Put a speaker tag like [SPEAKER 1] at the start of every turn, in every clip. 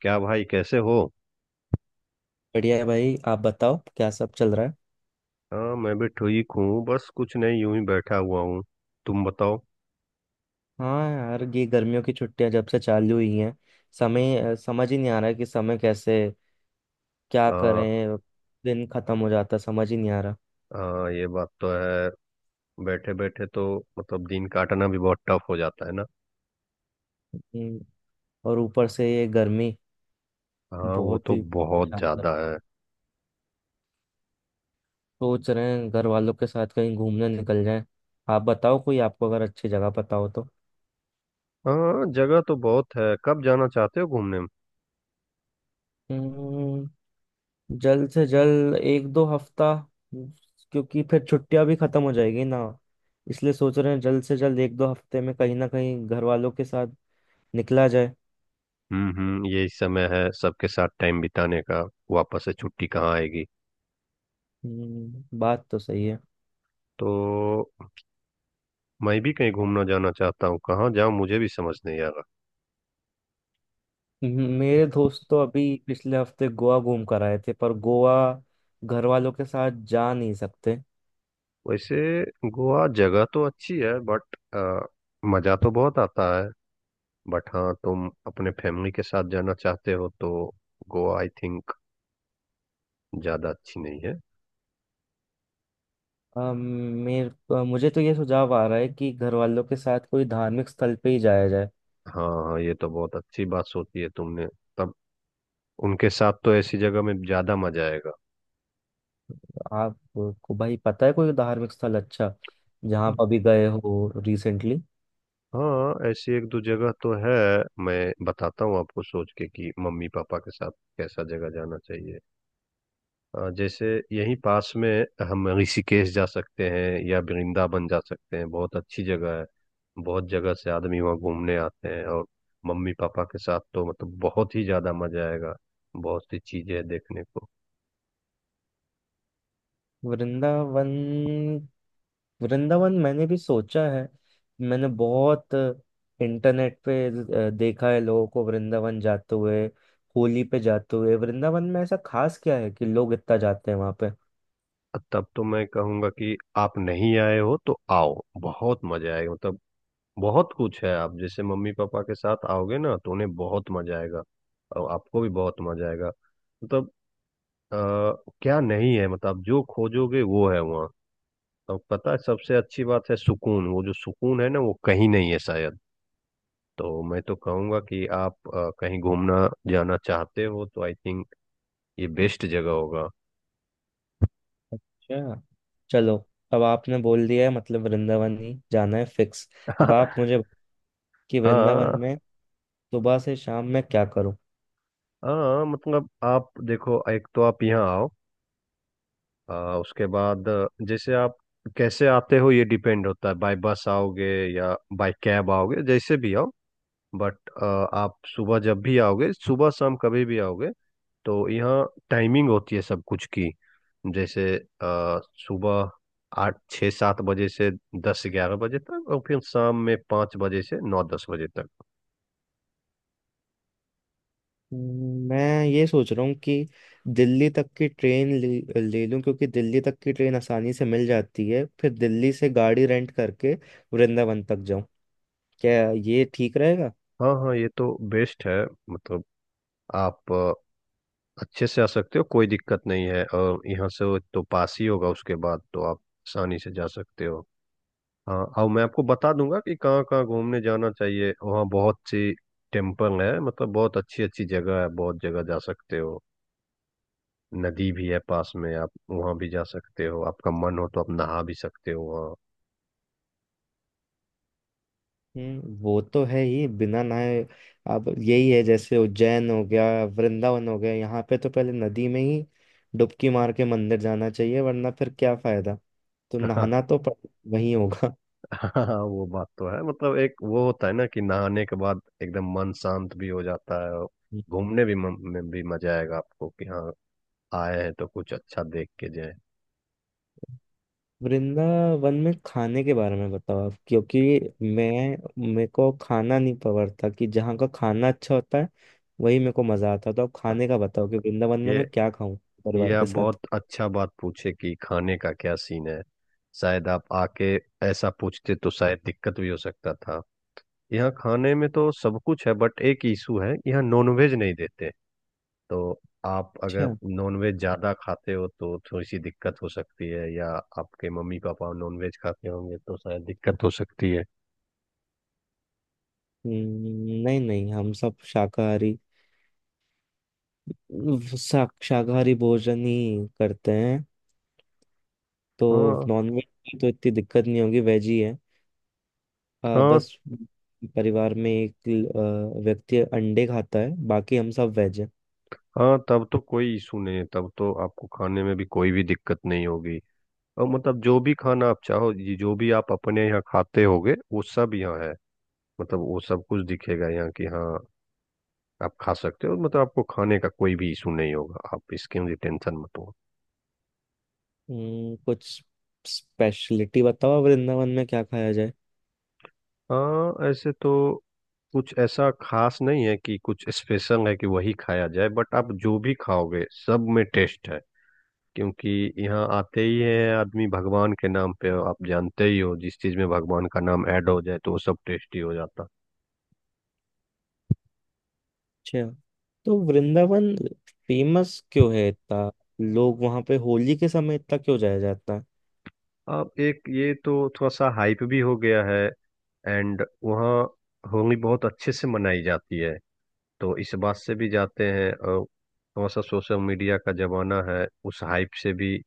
[SPEAKER 1] क्या भाई कैसे हो?
[SPEAKER 2] बढ़िया है भाई। आप बताओ क्या सब चल रहा है।
[SPEAKER 1] हाँ, मैं भी ठीक हूँ। बस कुछ नहीं, यूं ही बैठा हुआ हूँ। तुम बताओ।
[SPEAKER 2] हाँ यार, ये गर्मियों की छुट्टियां जब से चालू हुई हैं, समय समझ ही नहीं आ रहा है कि समय कैसे, क्या
[SPEAKER 1] आ,
[SPEAKER 2] करें। दिन खत्म हो जाता है, समझ ही नहीं आ रहा।
[SPEAKER 1] आ, ये बात तो है। बैठे बैठे तो मतलब दिन काटना भी बहुत टफ हो जाता है ना।
[SPEAKER 2] हम्म। और ऊपर से ये गर्मी
[SPEAKER 1] हाँ, वो
[SPEAKER 2] बहुत
[SPEAKER 1] तो
[SPEAKER 2] ही
[SPEAKER 1] बहुत
[SPEAKER 2] परेशान कर।
[SPEAKER 1] ज्यादा है।
[SPEAKER 2] सोच रहे हैं घर वालों के साथ कहीं घूमने निकल जाएं। आप बताओ कोई आपको अगर अच्छी जगह पता हो तो।
[SPEAKER 1] हाँ, जगह तो बहुत है। कब जाना चाहते हो घूमने?
[SPEAKER 2] हम्म। जल्द से जल्द एक दो हफ्ता, क्योंकि फिर छुट्टियां भी खत्म हो जाएगी ना। इसलिए सोच रहे हैं जल्द से जल्द एक दो हफ्ते में कहीं ना कहीं घर वालों के साथ निकला जाए।
[SPEAKER 1] हम्म, हम्म। यही समय है सबके साथ टाइम बिताने का। वापस से छुट्टी कहाँ आएगी।
[SPEAKER 2] बात तो सही है।
[SPEAKER 1] तो मैं भी कहीं घूमना जाना चाहता हूँ। कहाँ जाऊँ मुझे भी समझ नहीं आ रहा।
[SPEAKER 2] मेरे दोस्त तो अभी पिछले हफ्ते गोवा घूम कर आए थे, पर गोवा घर वालों के साथ जा नहीं सकते।
[SPEAKER 1] वैसे गोवा जगह तो अच्छी है, बट मज़ा तो बहुत आता है। बट हाँ, तुम अपने फैमिली के साथ जाना चाहते हो तो गोवा, आई थिंक, ज़्यादा अच्छी नहीं है।
[SPEAKER 2] अम, मेरे, मुझे तो ये सुझाव आ रहा है कि घर वालों के साथ कोई धार्मिक स्थल पे ही जाया जाए।
[SPEAKER 1] हाँ हाँ, ये तो बहुत अच्छी बात सोची है तुमने। तब उनके साथ तो ऐसी जगह में ज़्यादा मज़ा आएगा।
[SPEAKER 2] आपको भाई पता है कोई धार्मिक स्थल अच्छा, जहाँ आप अभी गए हो रिसेंटली।
[SPEAKER 1] हाँ, ऐसी एक दो जगह तो है। मैं बताता हूँ आपको सोच के कि मम्मी पापा के साथ कैसा जगह जाना चाहिए। जैसे, यहीं पास में हम ऋषिकेश जा सकते हैं या वृंदावन जा सकते हैं। बहुत अच्छी जगह है। बहुत जगह से आदमी वहाँ घूमने आते हैं, और मम्मी पापा के साथ तो मतलब बहुत ही ज्यादा मजा आएगा। बहुत सी चीजें हैं देखने को।
[SPEAKER 2] वृंदावन, वृंदावन मैंने भी सोचा है। मैंने बहुत इंटरनेट पे देखा है लोगों को वृंदावन जाते हुए, होली पे जाते हुए। वृंदावन में ऐसा खास क्या है कि लोग इतना जाते हैं वहां पे।
[SPEAKER 1] तब तो मैं कहूँगा कि आप नहीं आए हो तो आओ, बहुत मजा आएगा। मतलब बहुत कुछ है। आप जैसे मम्मी पापा के साथ आओगे ना तो उन्हें बहुत मजा आएगा, और आपको भी बहुत मजा आएगा। मतलब अ, क्या नहीं है! मतलब आप जो खोजोगे वो है वहाँ। तो पता है, सबसे अच्छी बात है सुकून। वो जो सुकून है ना वो कहीं नहीं है शायद। तो मैं तो कहूँगा कि आप कहीं घूमना जाना चाहते हो तो आई थिंक ये बेस्ट जगह होगा।
[SPEAKER 2] अच्छा, चलो। अब आपने बोल दिया है मतलब वृंदावन ही जाना है फिक्स। अब आप मुझे कि वृंदावन
[SPEAKER 1] हाँ
[SPEAKER 2] में सुबह से शाम में क्या करूं।
[SPEAKER 1] हाँ, मतलब आप देखो, एक तो आप यहाँ आओ। अ, उसके बाद जैसे आप कैसे आते हो ये डिपेंड होता है। बाय बस आओगे या बाय कैब आओगे, जैसे भी आओ। बट आप सुबह जब भी आओगे, सुबह शाम कभी भी आओगे, तो यहाँ टाइमिंग होती है सब कुछ की। जैसे सुबह 8 6 7 बजे से 10 11 बजे तक, और फिर शाम में 5 बजे से 9 10 बजे तक।
[SPEAKER 2] मैं ये सोच रहा हूँ कि दिल्ली तक की ट्रेन ले लूँ, क्योंकि दिल्ली तक की ट्रेन आसानी से मिल जाती है, फिर दिल्ली से गाड़ी रेंट करके वृंदावन तक जाऊँ। क्या ये ठीक रहेगा।
[SPEAKER 1] हाँ हाँ, ये तो बेस्ट है। मतलब आप अच्छे से आ सकते हो, कोई दिक्कत नहीं है। और यहाँ से वो तो पास ही होगा, उसके बाद तो आप आसानी से जा सकते हो। हाँ, और मैं आपको बता दूंगा कि कहाँ कहाँ घूमने जाना चाहिए। वहाँ बहुत सी टेम्पल है, मतलब बहुत अच्छी अच्छी जगह है। बहुत जगह जा सकते हो। नदी भी है पास में, आप वहां भी जा सकते हो। आपका मन हो तो आप नहा भी सकते हो वहाँ।
[SPEAKER 2] हम्म, वो तो है ही। बिना नहाए, अब यही है जैसे उज्जैन हो गया, वृंदावन हो गया, यहाँ पे तो पहले नदी में ही डुबकी मार के मंदिर जाना चाहिए, वरना फिर क्या फायदा। तो नहाना तो वहीं होगा।
[SPEAKER 1] हाँ हाँ, वो बात तो है। मतलब एक वो होता है ना कि नहाने के बाद एकदम मन शांत भी हो जाता है, और घूमने भी, मन में भी मजा आएगा आपको कि हाँ, आए हैं तो कुछ अच्छा देख के जाए।
[SPEAKER 2] वृंदावन में खाने के बारे में बताओ आप, क्योंकि मैं, मेरे को खाना नहीं पकड़ता कि जहाँ का खाना अच्छा होता है वही मेरे को मजा आता है। तो आप खाने का बताओ कि वृंदावन में
[SPEAKER 1] ये
[SPEAKER 2] मैं क्या खाऊं
[SPEAKER 1] ये
[SPEAKER 2] परिवार के
[SPEAKER 1] आप
[SPEAKER 2] साथ।
[SPEAKER 1] बहुत अच्छा बात पूछे कि खाने का क्या सीन है। शायद आप आके ऐसा पूछते तो शायद दिक्कत भी हो सकता था। यहाँ खाने में तो सब कुछ है, बट एक इशू है, यहाँ नॉनवेज नहीं देते। तो आप अगर
[SPEAKER 2] अच्छा।
[SPEAKER 1] नॉनवेज ज़्यादा खाते हो तो थोड़ी सी दिक्कत हो सकती है, या आपके मम्मी पापा नॉनवेज खाते होंगे तो शायद दिक्कत हो सकती है।
[SPEAKER 2] नहीं नहीं, हम सब शाकाहारी, शाकाहारी भोजन ही करते हैं। तो
[SPEAKER 1] हाँ
[SPEAKER 2] नॉनवेज की तो इतनी दिक्कत नहीं होगी, वेज ही है।
[SPEAKER 1] हाँ
[SPEAKER 2] बस परिवार में एक व्यक्ति अंडे खाता है, बाकी हम सब वेज हैं।
[SPEAKER 1] हाँ, तब तो कोई इशू नहीं है। तब तो आपको खाने में भी कोई भी दिक्कत नहीं होगी। और मतलब जो भी खाना आप चाहो, ये जो भी आप अपने यहाँ खाते होगे वो सब यहाँ है। मतलब वो सब कुछ दिखेगा यहाँ कि हाँ, आप खा सकते हो। मतलब आपको खाने का कोई भी इशू नहीं होगा, आप इसकी टेंशन मत लो।
[SPEAKER 2] कुछ स्पेशलिटी बताओ वृंदावन में क्या खाया जाए।
[SPEAKER 1] हाँ ऐसे तो कुछ ऐसा खास नहीं है कि कुछ स्पेशल है कि वही खाया जाए। बट आप जो भी खाओगे सब में टेस्ट है। क्योंकि यहाँ आते ही है आदमी भगवान के नाम पे। आप जानते ही हो, जिस चीज में भगवान का नाम ऐड हो जाए तो वो सब टेस्टी हो जाता।
[SPEAKER 2] अच्छा, तो वृंदावन फेमस क्यों है इतना। लोग वहां पे होली के समय इतना क्यों जाया जाता है।
[SPEAKER 1] अब एक ये तो थोड़ा सा हाइप भी हो गया है। एंड वहाँ होली बहुत अच्छे से मनाई जाती है, तो इस बात से भी जाते हैं। और थोड़ा सा सोशल मीडिया का जमाना है, उस हाइप से भी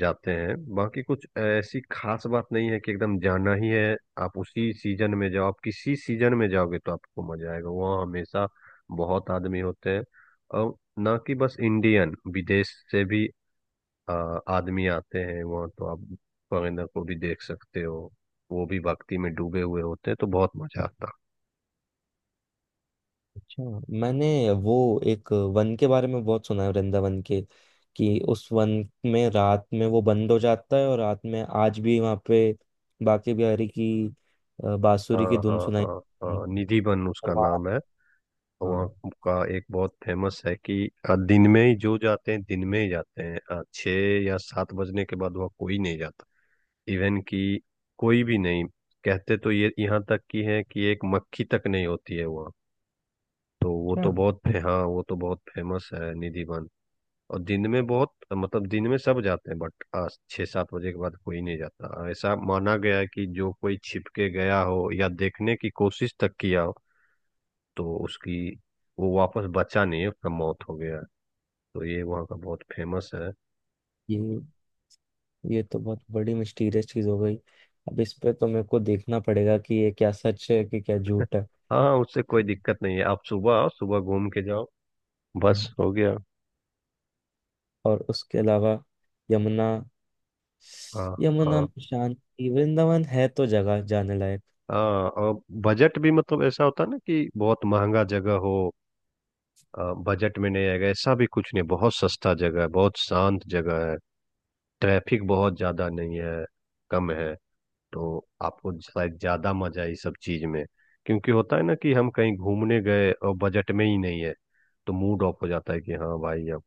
[SPEAKER 1] जाते हैं। बाकी कुछ ऐसी खास बात नहीं है कि एकदम जाना ही है। आप उसी सीजन में जाओ, आप किसी सीजन में जाओगे तो आपको मजा आएगा। वहाँ हमेशा बहुत आदमी होते हैं, और ना कि बस इंडियन, विदेश से भी आ, आदमी आते हैं वहाँ। तो आप फॉरेनर को भी देख सकते हो, वो भी भक्ति में डूबे हुए होते हैं, तो बहुत मजा आता है।
[SPEAKER 2] अच्छा, मैंने वो एक वन के बारे में बहुत सुना है वृंदावन के, कि उस वन में रात में वो बंद हो जाता है और रात में आज भी वहाँ पे बांके बिहारी की बांसुरी की
[SPEAKER 1] हाँ
[SPEAKER 2] धुन
[SPEAKER 1] हाँ
[SPEAKER 2] सुनाई
[SPEAKER 1] हाँ
[SPEAKER 2] देती
[SPEAKER 1] हाँ,
[SPEAKER 2] है।
[SPEAKER 1] निधिवन
[SPEAKER 2] और
[SPEAKER 1] उसका
[SPEAKER 2] वहाँ,
[SPEAKER 1] नाम है। तो वहाँ
[SPEAKER 2] हाँ।
[SPEAKER 1] का एक बहुत फेमस है कि दिन में ही जो जाते हैं, दिन में ही जाते हैं। 6 या 7 बजने के बाद वहाँ कोई नहीं जाता। इवन कि कोई भी नहीं। कहते तो ये यहाँ तक की है कि एक मक्खी तक नहीं होती है वहाँ। तो वो
[SPEAKER 2] अच्छा,
[SPEAKER 1] तो बहुत हाँ, वो तो बहुत फेमस है निधिवन। और दिन में बहुत, मतलब दिन में सब जाते हैं, बट 6 7 बजे के बाद कोई नहीं जाता। ऐसा माना गया है कि जो कोई छिप के गया हो या देखने की कोशिश तक किया हो, तो उसकी, वो वापस बचा नहीं है, उसका मौत हो गया। तो ये वहाँ का बहुत फेमस है।
[SPEAKER 2] ये ये तो बहुत बड़ी मिस्टीरियस चीज हो गई। अब इस पे तो मेरे को देखना पड़ेगा कि ये क्या सच है कि क्या झूठ है।
[SPEAKER 1] हाँ, उससे कोई दिक्कत नहीं है। आप सुबह आओ, सुबह घूम के जाओ, बस
[SPEAKER 2] हम्म।
[SPEAKER 1] हो गया।
[SPEAKER 2] और उसके अलावा यमुना,
[SPEAKER 1] हाँ
[SPEAKER 2] यमुना
[SPEAKER 1] हाँ
[SPEAKER 2] में शांति, वृंदावन है तो जगह जाने लायक।
[SPEAKER 1] हाँ। और बजट भी, मतलब ऐसा होता है ना कि बहुत महंगा जगह हो, बजट में नहीं आएगा, ऐसा भी कुछ नहीं। बहुत सस्ता जगह है, बहुत शांत जगह है। ट्रैफिक बहुत ज़्यादा नहीं है, कम है। तो आपको शायद ज्यादा मजा है इस सब चीज में। क्योंकि होता है ना कि हम कहीं घूमने गए और बजट में ही नहीं है, तो मूड ऑफ हो जाता है कि हाँ भाई, अब!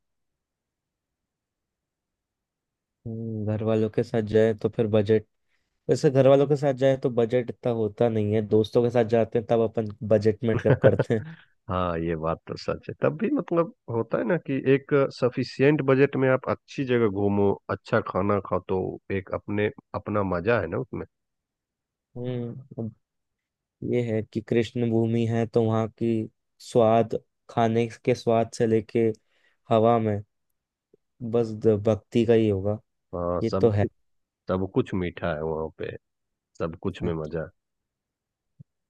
[SPEAKER 2] घर वालों के साथ जाए तो फिर बजट, वैसे घर वालों के साथ जाए तो बजट इतना होता नहीं है, दोस्तों के साथ जाते हैं तब अपन बजट में मतलब करते हैं।
[SPEAKER 1] हाँ, ये बात तो सच है। तब भी मतलब होता है ना कि एक सफिशियंट बजट में आप अच्छी जगह घूमो, अच्छा खाना खाओ, तो एक अपने अपना मजा है ना उसमें।
[SPEAKER 2] हम्म। अब ये है कि कृष्ण भूमि है, तो वहाँ की स्वाद, खाने के स्वाद से लेके हवा में बस भक्ति का ही होगा।
[SPEAKER 1] हाँ,
[SPEAKER 2] ये तो
[SPEAKER 1] सब
[SPEAKER 2] है।
[SPEAKER 1] कुछ सब कुछ मीठा है वहाँ पे। सब कुछ में मजा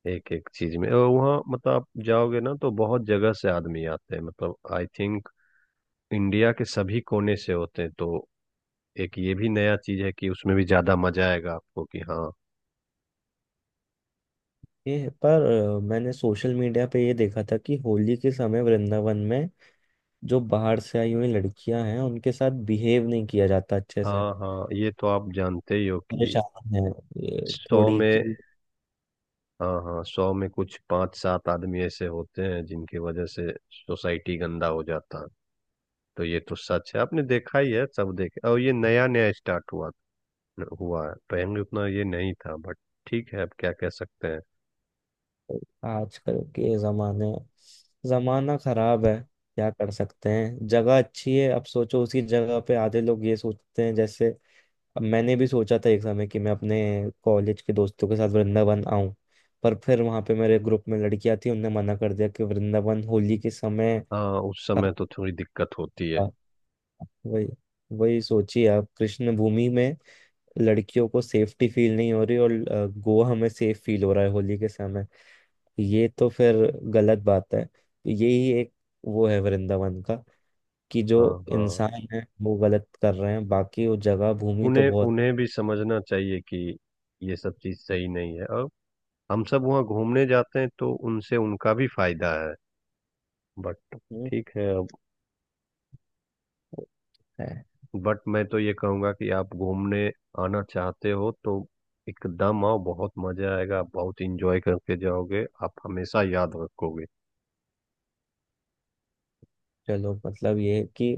[SPEAKER 1] है, एक एक चीज में। और वहाँ मतलब आप जाओगे ना तो बहुत जगह से आदमी आते हैं। मतलब आई थिंक इंडिया के सभी कोने से होते हैं। तो एक ये भी नया चीज है, कि उसमें भी ज्यादा मजा आएगा आपको कि हाँ।
[SPEAKER 2] अच्छे, पर मैंने सोशल मीडिया पे ये देखा था कि होली के समय वृंदावन में जो बाहर से आई हुई लड़कियां हैं उनके साथ बिहेव नहीं किया जाता अच्छे से।
[SPEAKER 1] हाँ हाँ, ये तो आप जानते ही हो कि
[SPEAKER 2] परेशान है ये
[SPEAKER 1] 100
[SPEAKER 2] थोड़ी
[SPEAKER 1] में,
[SPEAKER 2] कि
[SPEAKER 1] हाँ हाँ, 100 में कुछ पांच सात आदमी ऐसे होते हैं जिनकी वजह से सोसाइटी गंदा हो जाता है। तो ये तो सच है, आपने देखा ही है सब देखे। और ये नया नया स्टार्ट हुआ हुआ है, पहले उतना ये नहीं था। बट ठीक है, अब क्या कह सकते हैं।
[SPEAKER 2] आजकल के जमाने, जमाना खराब है, क्या कर सकते हैं। जगह अच्छी है, अब सोचो उसी जगह पे आधे लोग ये सोचते हैं जैसे। अब मैंने भी सोचा था एक समय कि मैं अपने कॉलेज के दोस्तों के साथ वृंदावन आऊं, पर फिर वहां पे मेरे ग्रुप में लड़कियां थी, उनने मना कर दिया कि वृंदावन होली के समय।
[SPEAKER 1] हाँ, उस समय तो थोड़ी दिक्कत होती है।
[SPEAKER 2] हाँ, वही वही सोचिए, आप कृष्ण भूमि में लड़कियों को सेफ्टी फील नहीं हो रही, और गोवा हमें सेफ फील हो रहा है होली के समय। ये तो फिर गलत बात है। यही एक वो है वृंदावन का, कि जो
[SPEAKER 1] हाँ हाँ,
[SPEAKER 2] इंसान है वो गलत कर रहे हैं, बाकी वो जगह भूमि तो
[SPEAKER 1] उन्हें
[SPEAKER 2] बहुत।
[SPEAKER 1] उन्हें भी समझना चाहिए कि ये सब चीज़ सही नहीं है, और हम सब वहाँ घूमने जाते हैं तो उनसे उनका भी फायदा है। बट
[SPEAKER 2] हम्म,
[SPEAKER 1] ठीक है, अब।
[SPEAKER 2] है।
[SPEAKER 1] बट मैं तो ये कहूँगा कि आप घूमने आना चाहते हो तो एकदम आओ। बहुत मजा आएगा, आप बहुत इंजॉय करके जाओगे, आप हमेशा याद रखोगे।
[SPEAKER 2] चलो मतलब ये है कि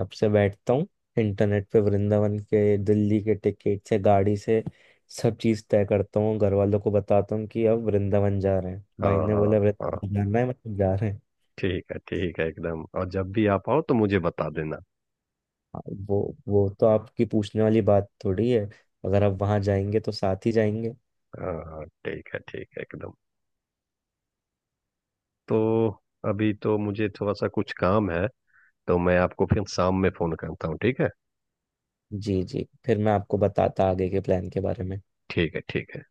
[SPEAKER 2] अब से बैठता हूँ इंटरनेट पे, वृंदावन के, दिल्ली के टिकट से, गाड़ी से, सब चीज़ तय करता हूँ, घर वालों को बताता हूँ कि अब वृंदावन जा रहे हैं, भाई
[SPEAKER 1] हाँ
[SPEAKER 2] ने
[SPEAKER 1] हाँ
[SPEAKER 2] बोला
[SPEAKER 1] हाँ,
[SPEAKER 2] वृंदावन जाना है मतलब जा रहे हैं।
[SPEAKER 1] ठीक है ठीक है, एकदम। और जब भी आप आओ तो मुझे बता देना।
[SPEAKER 2] हाँ, वो तो आपकी पूछने वाली बात थोड़ी है, अगर आप वहाँ जाएंगे तो साथ ही जाएंगे।
[SPEAKER 1] हाँ हाँ, ठीक है ठीक है, एकदम। तो अभी तो मुझे थोड़ा सा कुछ काम है, तो मैं आपको फिर शाम में फोन करता हूँ। ठीक है?
[SPEAKER 2] जी जी, फिर मैं आपको बताता आगे के प्लान के बारे में।
[SPEAKER 1] ठीक है, ठीक है।